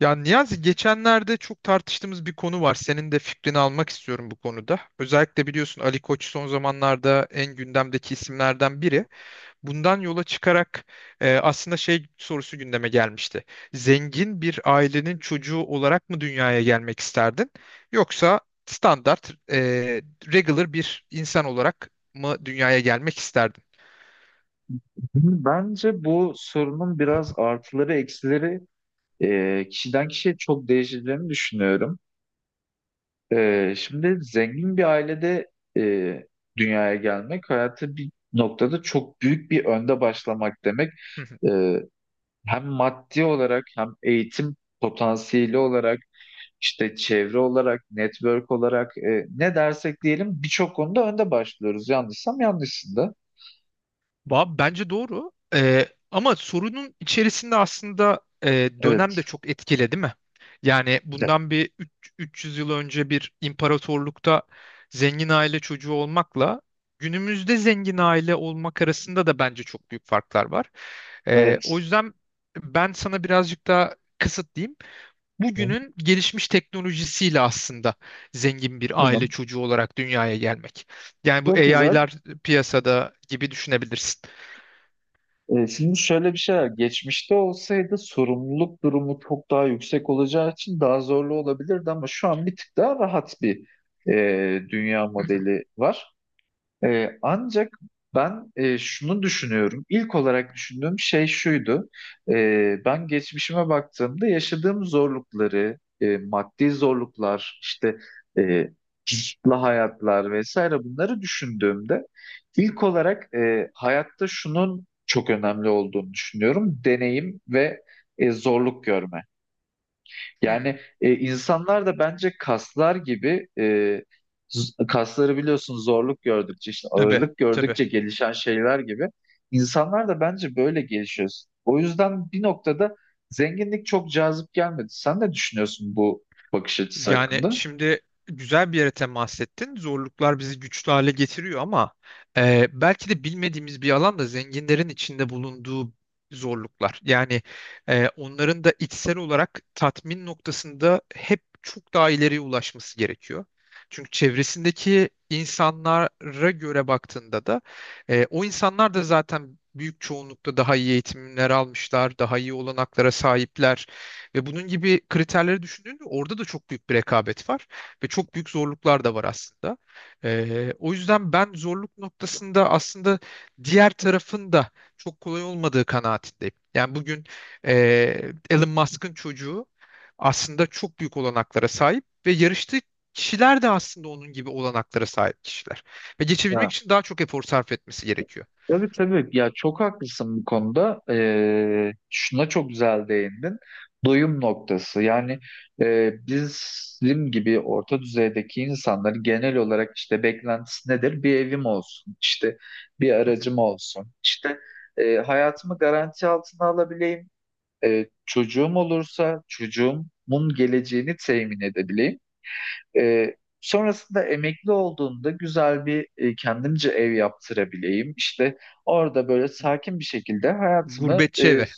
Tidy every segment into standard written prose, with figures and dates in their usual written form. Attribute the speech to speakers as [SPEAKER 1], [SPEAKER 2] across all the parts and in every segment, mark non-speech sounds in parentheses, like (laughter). [SPEAKER 1] Ya Niyazi geçenlerde çok tartıştığımız bir konu var. Senin de fikrini almak istiyorum bu konuda. Özellikle biliyorsun Ali Koç son zamanlarda en gündemdeki isimlerden biri. Bundan yola çıkarak aslında şey sorusu gündeme gelmişti. Zengin bir ailenin çocuğu olarak mı dünyaya gelmek isterdin? Yoksa standart, regular bir insan olarak mı dünyaya gelmek isterdin?
[SPEAKER 2] Şimdi bence bu sorunun biraz artıları eksileri kişiden kişiye çok değişeceğini düşünüyorum. Şimdi zengin bir ailede e, dünyaya gelmek hayatı bir noktada çok büyük bir önde başlamak demek.
[SPEAKER 1] Hı.
[SPEAKER 2] E, Hem maddi olarak hem eğitim potansiyeli olarak işte çevre olarak network olarak ne dersek diyelim birçok konuda önde başlıyoruz. Yanlışsam yanlışsın da.
[SPEAKER 1] Bence doğru. Ama sorunun içerisinde aslında dönem
[SPEAKER 2] Evet.
[SPEAKER 1] de çok etkili, değil mi? Yani bundan bir 300 yıl önce bir imparatorlukta zengin aile çocuğu olmakla günümüzde zengin aile olmak arasında da bence çok büyük farklar var. O
[SPEAKER 2] Evet.
[SPEAKER 1] yüzden ben sana birazcık daha kısıtlayayım. Bugünün gelişmiş teknolojisiyle aslında zengin bir aile
[SPEAKER 2] Tamam.
[SPEAKER 1] çocuğu olarak dünyaya gelmek. Yani bu
[SPEAKER 2] Çok güzel.
[SPEAKER 1] AI'lar piyasada gibi düşünebilirsin.
[SPEAKER 2] Şimdi şöyle bir şey var. Geçmişte olsaydı sorumluluk durumu çok daha yüksek olacağı için daha zorlu olabilirdi, ama şu an bir tık daha rahat bir dünya modeli var. Ancak ben şunu düşünüyorum. İlk olarak düşündüğüm şey şuydu. Ben geçmişime baktığımda yaşadığım zorlukları, maddi zorluklar, işte e, kısıtlı hayatlar vesaire bunları düşündüğümde ilk olarak hayatta şunun çok önemli olduğunu düşünüyorum. Deneyim ve zorluk görme.
[SPEAKER 1] Hı.
[SPEAKER 2] Yani insanlar da bence kaslar gibi, kasları biliyorsun, zorluk gördükçe işte
[SPEAKER 1] Tabii,
[SPEAKER 2] ağırlık
[SPEAKER 1] tabii.
[SPEAKER 2] gördükçe gelişen şeyler gibi İnsanlar da bence böyle gelişiyor. O yüzden bir noktada zenginlik çok cazip gelmedi. Sen ne düşünüyorsun bu bakış açısı
[SPEAKER 1] Yani
[SPEAKER 2] hakkında?
[SPEAKER 1] şimdi güzel bir yere temas ettin. Zorluklar bizi güçlü hale getiriyor ama belki de bilmediğimiz bir alan da zenginlerin içinde bulunduğu zorluklar. Yani onların da içsel olarak tatmin noktasında hep çok daha ileriye ulaşması gerekiyor. Çünkü çevresindeki insanlara göre baktığında da o insanlar da zaten büyük çoğunlukla daha iyi eğitimler almışlar, daha iyi olanaklara sahipler. Ve bunun gibi kriterleri düşündüğünde orada da çok büyük bir rekabet var ve çok büyük zorluklar da var aslında. O yüzden ben zorluk noktasında aslında diğer tarafın da çok kolay olmadığı kanaatindeyim. Yani bugün Elon Musk'ın çocuğu aslında çok büyük olanaklara sahip ve yarıştığı kişiler de aslında onun gibi olanaklara sahip kişiler. Ve geçebilmek için daha çok efor sarf etmesi gerekiyor.
[SPEAKER 2] Tabii, tabii ya, çok haklısın bu konuda. Şuna çok güzel değindin. Doyum noktası. Yani bizim gibi orta düzeydeki insanların genel olarak işte beklentisi nedir? Bir evim olsun, işte bir
[SPEAKER 1] Hı hı.
[SPEAKER 2] aracım olsun, işte hayatımı garanti altına alabileyim, çocuğum olursa çocuğumun geleceğini temin edebileyim. Sonrasında emekli olduğumda güzel bir kendimce ev yaptırabileyim. İşte orada böyle sakin bir şekilde hayatımı
[SPEAKER 1] Gurbetçi evi.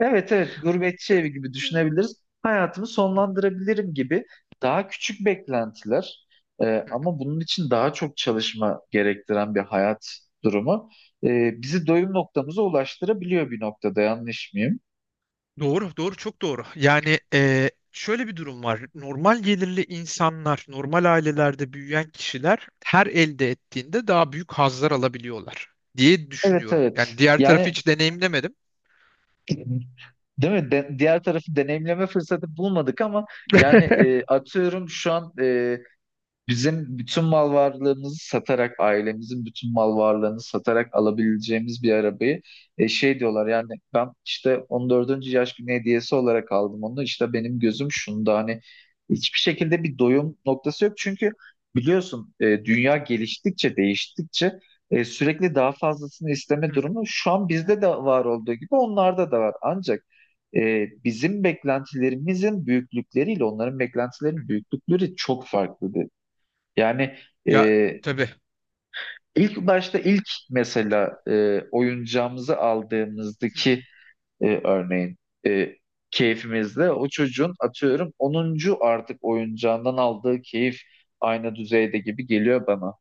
[SPEAKER 2] evet, evet, gurbetçi evi gibi düşünebiliriz. Hayatımı sonlandırabilirim gibi daha küçük beklentiler,
[SPEAKER 1] Hı.
[SPEAKER 2] ama bunun için daha çok çalışma gerektiren bir hayat durumu bizi doyum noktamıza ulaştırabiliyor bir noktada, yanlış mıyım?
[SPEAKER 1] Doğru, doğru, çok doğru. Yani şöyle bir durum var. Normal gelirli insanlar, normal ailelerde büyüyen kişiler her elde ettiğinde daha büyük hazlar alabiliyorlar diye
[SPEAKER 2] Evet,
[SPEAKER 1] düşünüyorum.
[SPEAKER 2] evet.
[SPEAKER 1] Yani diğer tarafı
[SPEAKER 2] Yani...
[SPEAKER 1] hiç deneyimlemedim.
[SPEAKER 2] (laughs) Değil mi? Diğer tarafı deneyimleme fırsatı bulmadık, ama yani, atıyorum şu an bizim bütün mal varlığımızı satarak, ailemizin bütün mal varlığını satarak alabileceğimiz bir arabayı, şey diyorlar yani, ben işte 14. yaş günü hediyesi olarak aldım onu. İşte benim gözüm şunda, hani hiçbir şekilde bir doyum noktası yok. Çünkü biliyorsun, dünya geliştikçe, değiştikçe, sürekli daha fazlasını isteme
[SPEAKER 1] Hı hı,
[SPEAKER 2] durumu şu an bizde de var olduğu gibi onlarda da var. Ancak bizim beklentilerimizin büyüklükleriyle onların
[SPEAKER 1] hı
[SPEAKER 2] beklentilerinin
[SPEAKER 1] hı.
[SPEAKER 2] büyüklükleri çok farklı. Yani,
[SPEAKER 1] Ya
[SPEAKER 2] e,
[SPEAKER 1] tabii.
[SPEAKER 2] ilk başta, ilk mesela oyuncağımızı
[SPEAKER 1] Hı hı.
[SPEAKER 2] aldığımızdaki örneğin e, keyfimizde o çocuğun atıyorum 10. artık oyuncağından aldığı keyif aynı düzeyde gibi geliyor bana.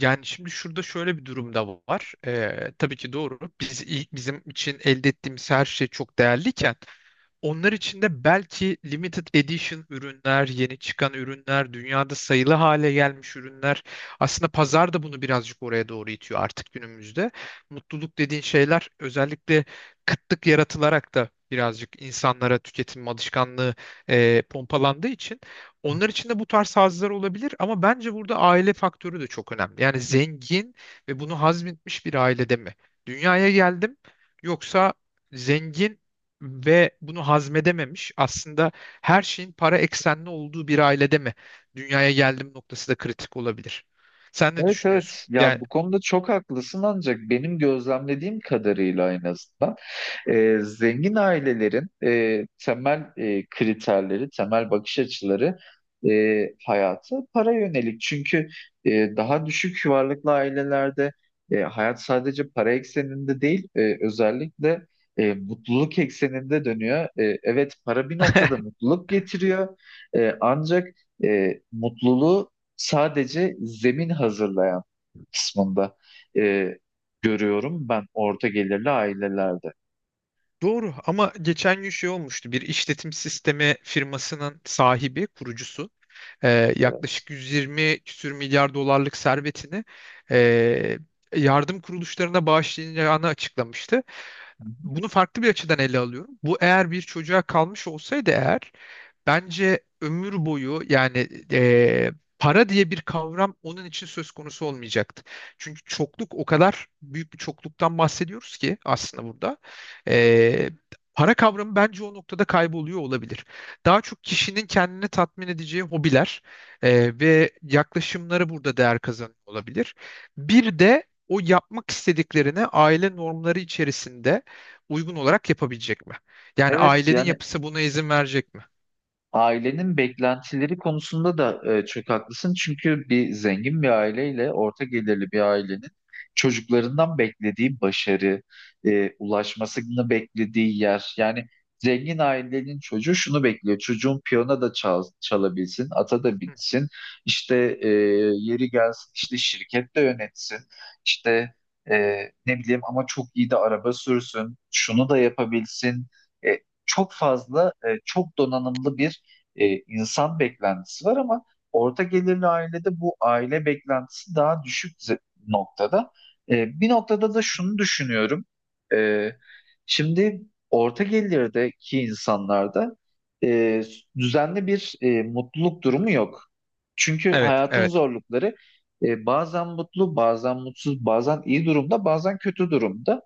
[SPEAKER 1] Yani şimdi şurada şöyle bir durum da var. Tabii ki doğru. Biz ilk bizim için elde ettiğimiz her şey çok değerliyken onlar için de belki limited edition ürünler, yeni çıkan ürünler, dünyada sayılı hale gelmiş ürünler. Aslında pazar da bunu birazcık oraya doğru itiyor artık günümüzde. Mutluluk dediğin şeyler özellikle kıtlık yaratılarak da birazcık insanlara tüketim alışkanlığı pompalandığı için onlar için de bu tarz hazlar olabilir ama bence burada aile faktörü de çok önemli. Yani zengin ve bunu hazmetmiş bir ailede mi dünyaya geldim, yoksa zengin ve bunu hazmedememiş, aslında her şeyin para eksenli olduğu bir ailede mi dünyaya geldim noktası da kritik olabilir. Sen ne
[SPEAKER 2] Evet,
[SPEAKER 1] düşünüyorsun?
[SPEAKER 2] evet ya,
[SPEAKER 1] Yani
[SPEAKER 2] bu konuda çok haklısın, ancak benim gözlemlediğim kadarıyla en azından. Zengin ailelerin temel kriterleri, temel bakış açıları hayatı para yönelik. Çünkü daha düşük varlıklı ailelerde hayat sadece para ekseninde değil, özellikle mutluluk ekseninde dönüyor. Evet, para bir noktada
[SPEAKER 1] (laughs)
[SPEAKER 2] mutluluk getiriyor. Ancak mutluluğu sadece zemin hazırlayan kısmında e, görüyorum ben orta gelirli ailelerde.
[SPEAKER 1] doğru ama geçen gün şey olmuştu. Bir işletim sistemi firmasının sahibi, kurucusu yaklaşık 120 küsür milyar dolarlık servetini e, yardım kuruluşlarına bağışlayacağını açıklamıştı. Bunu farklı bir açıdan ele alıyorum. Bu eğer bir çocuğa kalmış olsaydı eğer bence ömür boyu yani eee, para diye bir kavram onun için söz konusu olmayacaktı. Çünkü çokluk o kadar büyük bir çokluktan bahsediyoruz ki aslında burada. Eee, Para kavramı bence o noktada kayboluyor olabilir. Daha çok kişinin kendini tatmin edeceği hobiler ve yaklaşımları burada değer kazanıyor olabilir. Bir de o yapmak istediklerine aile normları içerisinde uygun olarak yapabilecek mi? Yani
[SPEAKER 2] Evet,
[SPEAKER 1] ailenin
[SPEAKER 2] yani
[SPEAKER 1] yapısı buna izin verecek mi?
[SPEAKER 2] ailenin beklentileri konusunda da çok haklısın. Çünkü bir zengin bir aileyle orta gelirli bir ailenin çocuklarından beklediği başarı, ulaşmasını beklediği yer. Yani zengin ailenin çocuğu şunu bekliyor. Çocuğun piyano da çalabilsin, ata da
[SPEAKER 1] Hı,
[SPEAKER 2] bitsin. İşte yeri gelsin, işte şirket de yönetsin. İşte e, ne bileyim, ama çok iyi de araba sürsün. Şunu da yapabilsin. E, Çok fazla çok donanımlı bir insan beklentisi var, ama orta gelirli ailede bu aile beklentisi daha düşük noktada. Bir noktada da şunu düşünüyorum. E, Şimdi orta gelirdeki insanlarda e, düzenli bir mutluluk
[SPEAKER 1] hı, hı.
[SPEAKER 2] durumu yok. Çünkü
[SPEAKER 1] Evet,
[SPEAKER 2] hayatın
[SPEAKER 1] evet.
[SPEAKER 2] zorlukları, bazen mutlu, bazen mutsuz, bazen iyi durumda, bazen kötü durumda.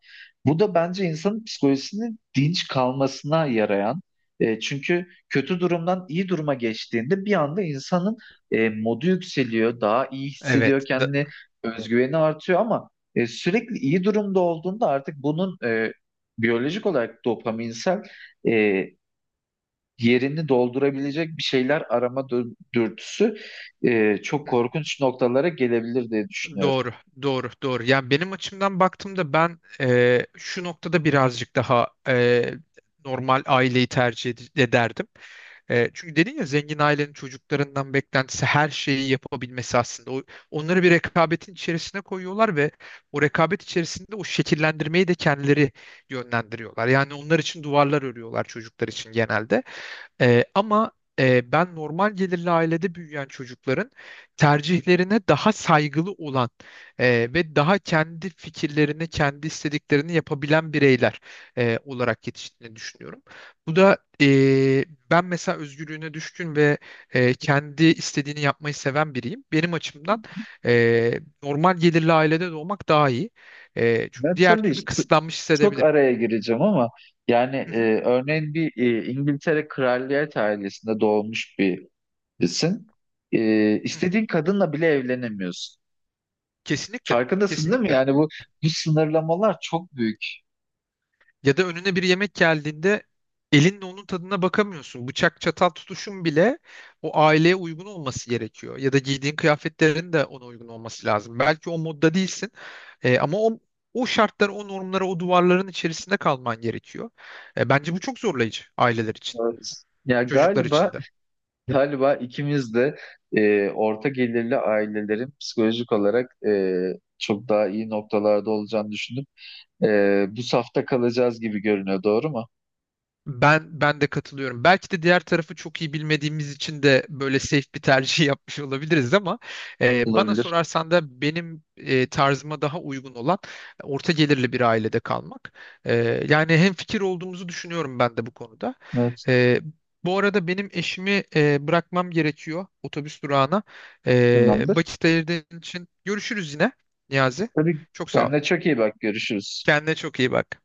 [SPEAKER 2] Bu da bence insanın psikolojisinin dinç kalmasına yarayan. Çünkü kötü durumdan iyi duruma geçtiğinde bir anda insanın modu yükseliyor, daha iyi hissediyor
[SPEAKER 1] Evet. Da-
[SPEAKER 2] kendini, özgüveni artıyor, ama sürekli iyi durumda olduğunda artık bunun biyolojik olarak dopaminsel e, yerini doldurabilecek bir şeyler arama dürtüsü çok
[SPEAKER 1] Hı.
[SPEAKER 2] korkunç noktalara gelebilir diye düşünüyorum.
[SPEAKER 1] Doğru, doğru, doğru. Yani benim açımdan baktığımda ben şu noktada birazcık daha normal aileyi tercih ederdim. Çünkü dedin ya zengin ailenin çocuklarından beklentisi her şeyi yapabilmesi aslında. O, onları bir rekabetin içerisine koyuyorlar ve o rekabet içerisinde o şekillendirmeyi de kendileri yönlendiriyorlar. Yani onlar için duvarlar örüyorlar çocuklar için genelde. Ama ben normal gelirli ailede büyüyen çocukların tercihlerine daha saygılı olan ve daha kendi fikirlerini, kendi istediklerini yapabilen bireyler olarak yetiştiğini düşünüyorum. Bu da ben mesela özgürlüğüne düşkün ve kendi istediğini yapmayı seven biriyim. Benim açımdan normal gelirli ailede doğmak daha iyi. Çünkü
[SPEAKER 2] Ben
[SPEAKER 1] diğer
[SPEAKER 2] tabii
[SPEAKER 1] türlü
[SPEAKER 2] işte
[SPEAKER 1] kısıtlanmış
[SPEAKER 2] çok
[SPEAKER 1] hissedebilirim.
[SPEAKER 2] araya gireceğim ama yani,
[SPEAKER 1] Hı hı,
[SPEAKER 2] örneğin bir İngiltere kraliyet ailesinde doğmuş bir... Sen
[SPEAKER 1] hı hı.
[SPEAKER 2] istediğin kadınla bile evlenemiyorsun.
[SPEAKER 1] Kesinlikle,
[SPEAKER 2] Farkındasın değil mi?
[SPEAKER 1] kesinlikle.
[SPEAKER 2] Yani bu sınırlamalar çok büyük.
[SPEAKER 1] Ya da önüne bir yemek geldiğinde elinle onun tadına bakamıyorsun. Bıçak çatal tutuşun bile o aileye uygun olması gerekiyor. Ya da giydiğin kıyafetlerin de ona uygun olması lazım. Belki o modda değilsin ama o şartlara, o normlara, o duvarların içerisinde kalman gerekiyor. Bence bu çok zorlayıcı aileler için,
[SPEAKER 2] Evet. Ya
[SPEAKER 1] çocuklar
[SPEAKER 2] galiba
[SPEAKER 1] için de.
[SPEAKER 2] galiba ikimiz de orta gelirli ailelerin psikolojik olarak çok daha iyi noktalarda olacağını düşünüp bu safta kalacağız gibi görünüyor. Doğru mu?
[SPEAKER 1] Ben de katılıyorum. Belki de diğer tarafı çok iyi bilmediğimiz için de böyle safe bir tercih (laughs) yapmış olabiliriz ama bana
[SPEAKER 2] Olabilir.
[SPEAKER 1] sorarsan da benim tarzıma daha uygun olan orta gelirli bir ailede kalmak. E, Yani hemfikir olduğumuzu düşünüyorum ben de bu konuda.
[SPEAKER 2] Evet.
[SPEAKER 1] E, Bu arada benim eşimi bırakmam gerekiyor otobüs durağına.
[SPEAKER 2] Tamamdır.
[SPEAKER 1] Vakit ayırdığın için görüşürüz yine Niyazi.
[SPEAKER 2] Tabii,
[SPEAKER 1] Çok sağ ol.
[SPEAKER 2] kendine çok iyi bak. Görüşürüz.
[SPEAKER 1] Kendine çok iyi bak.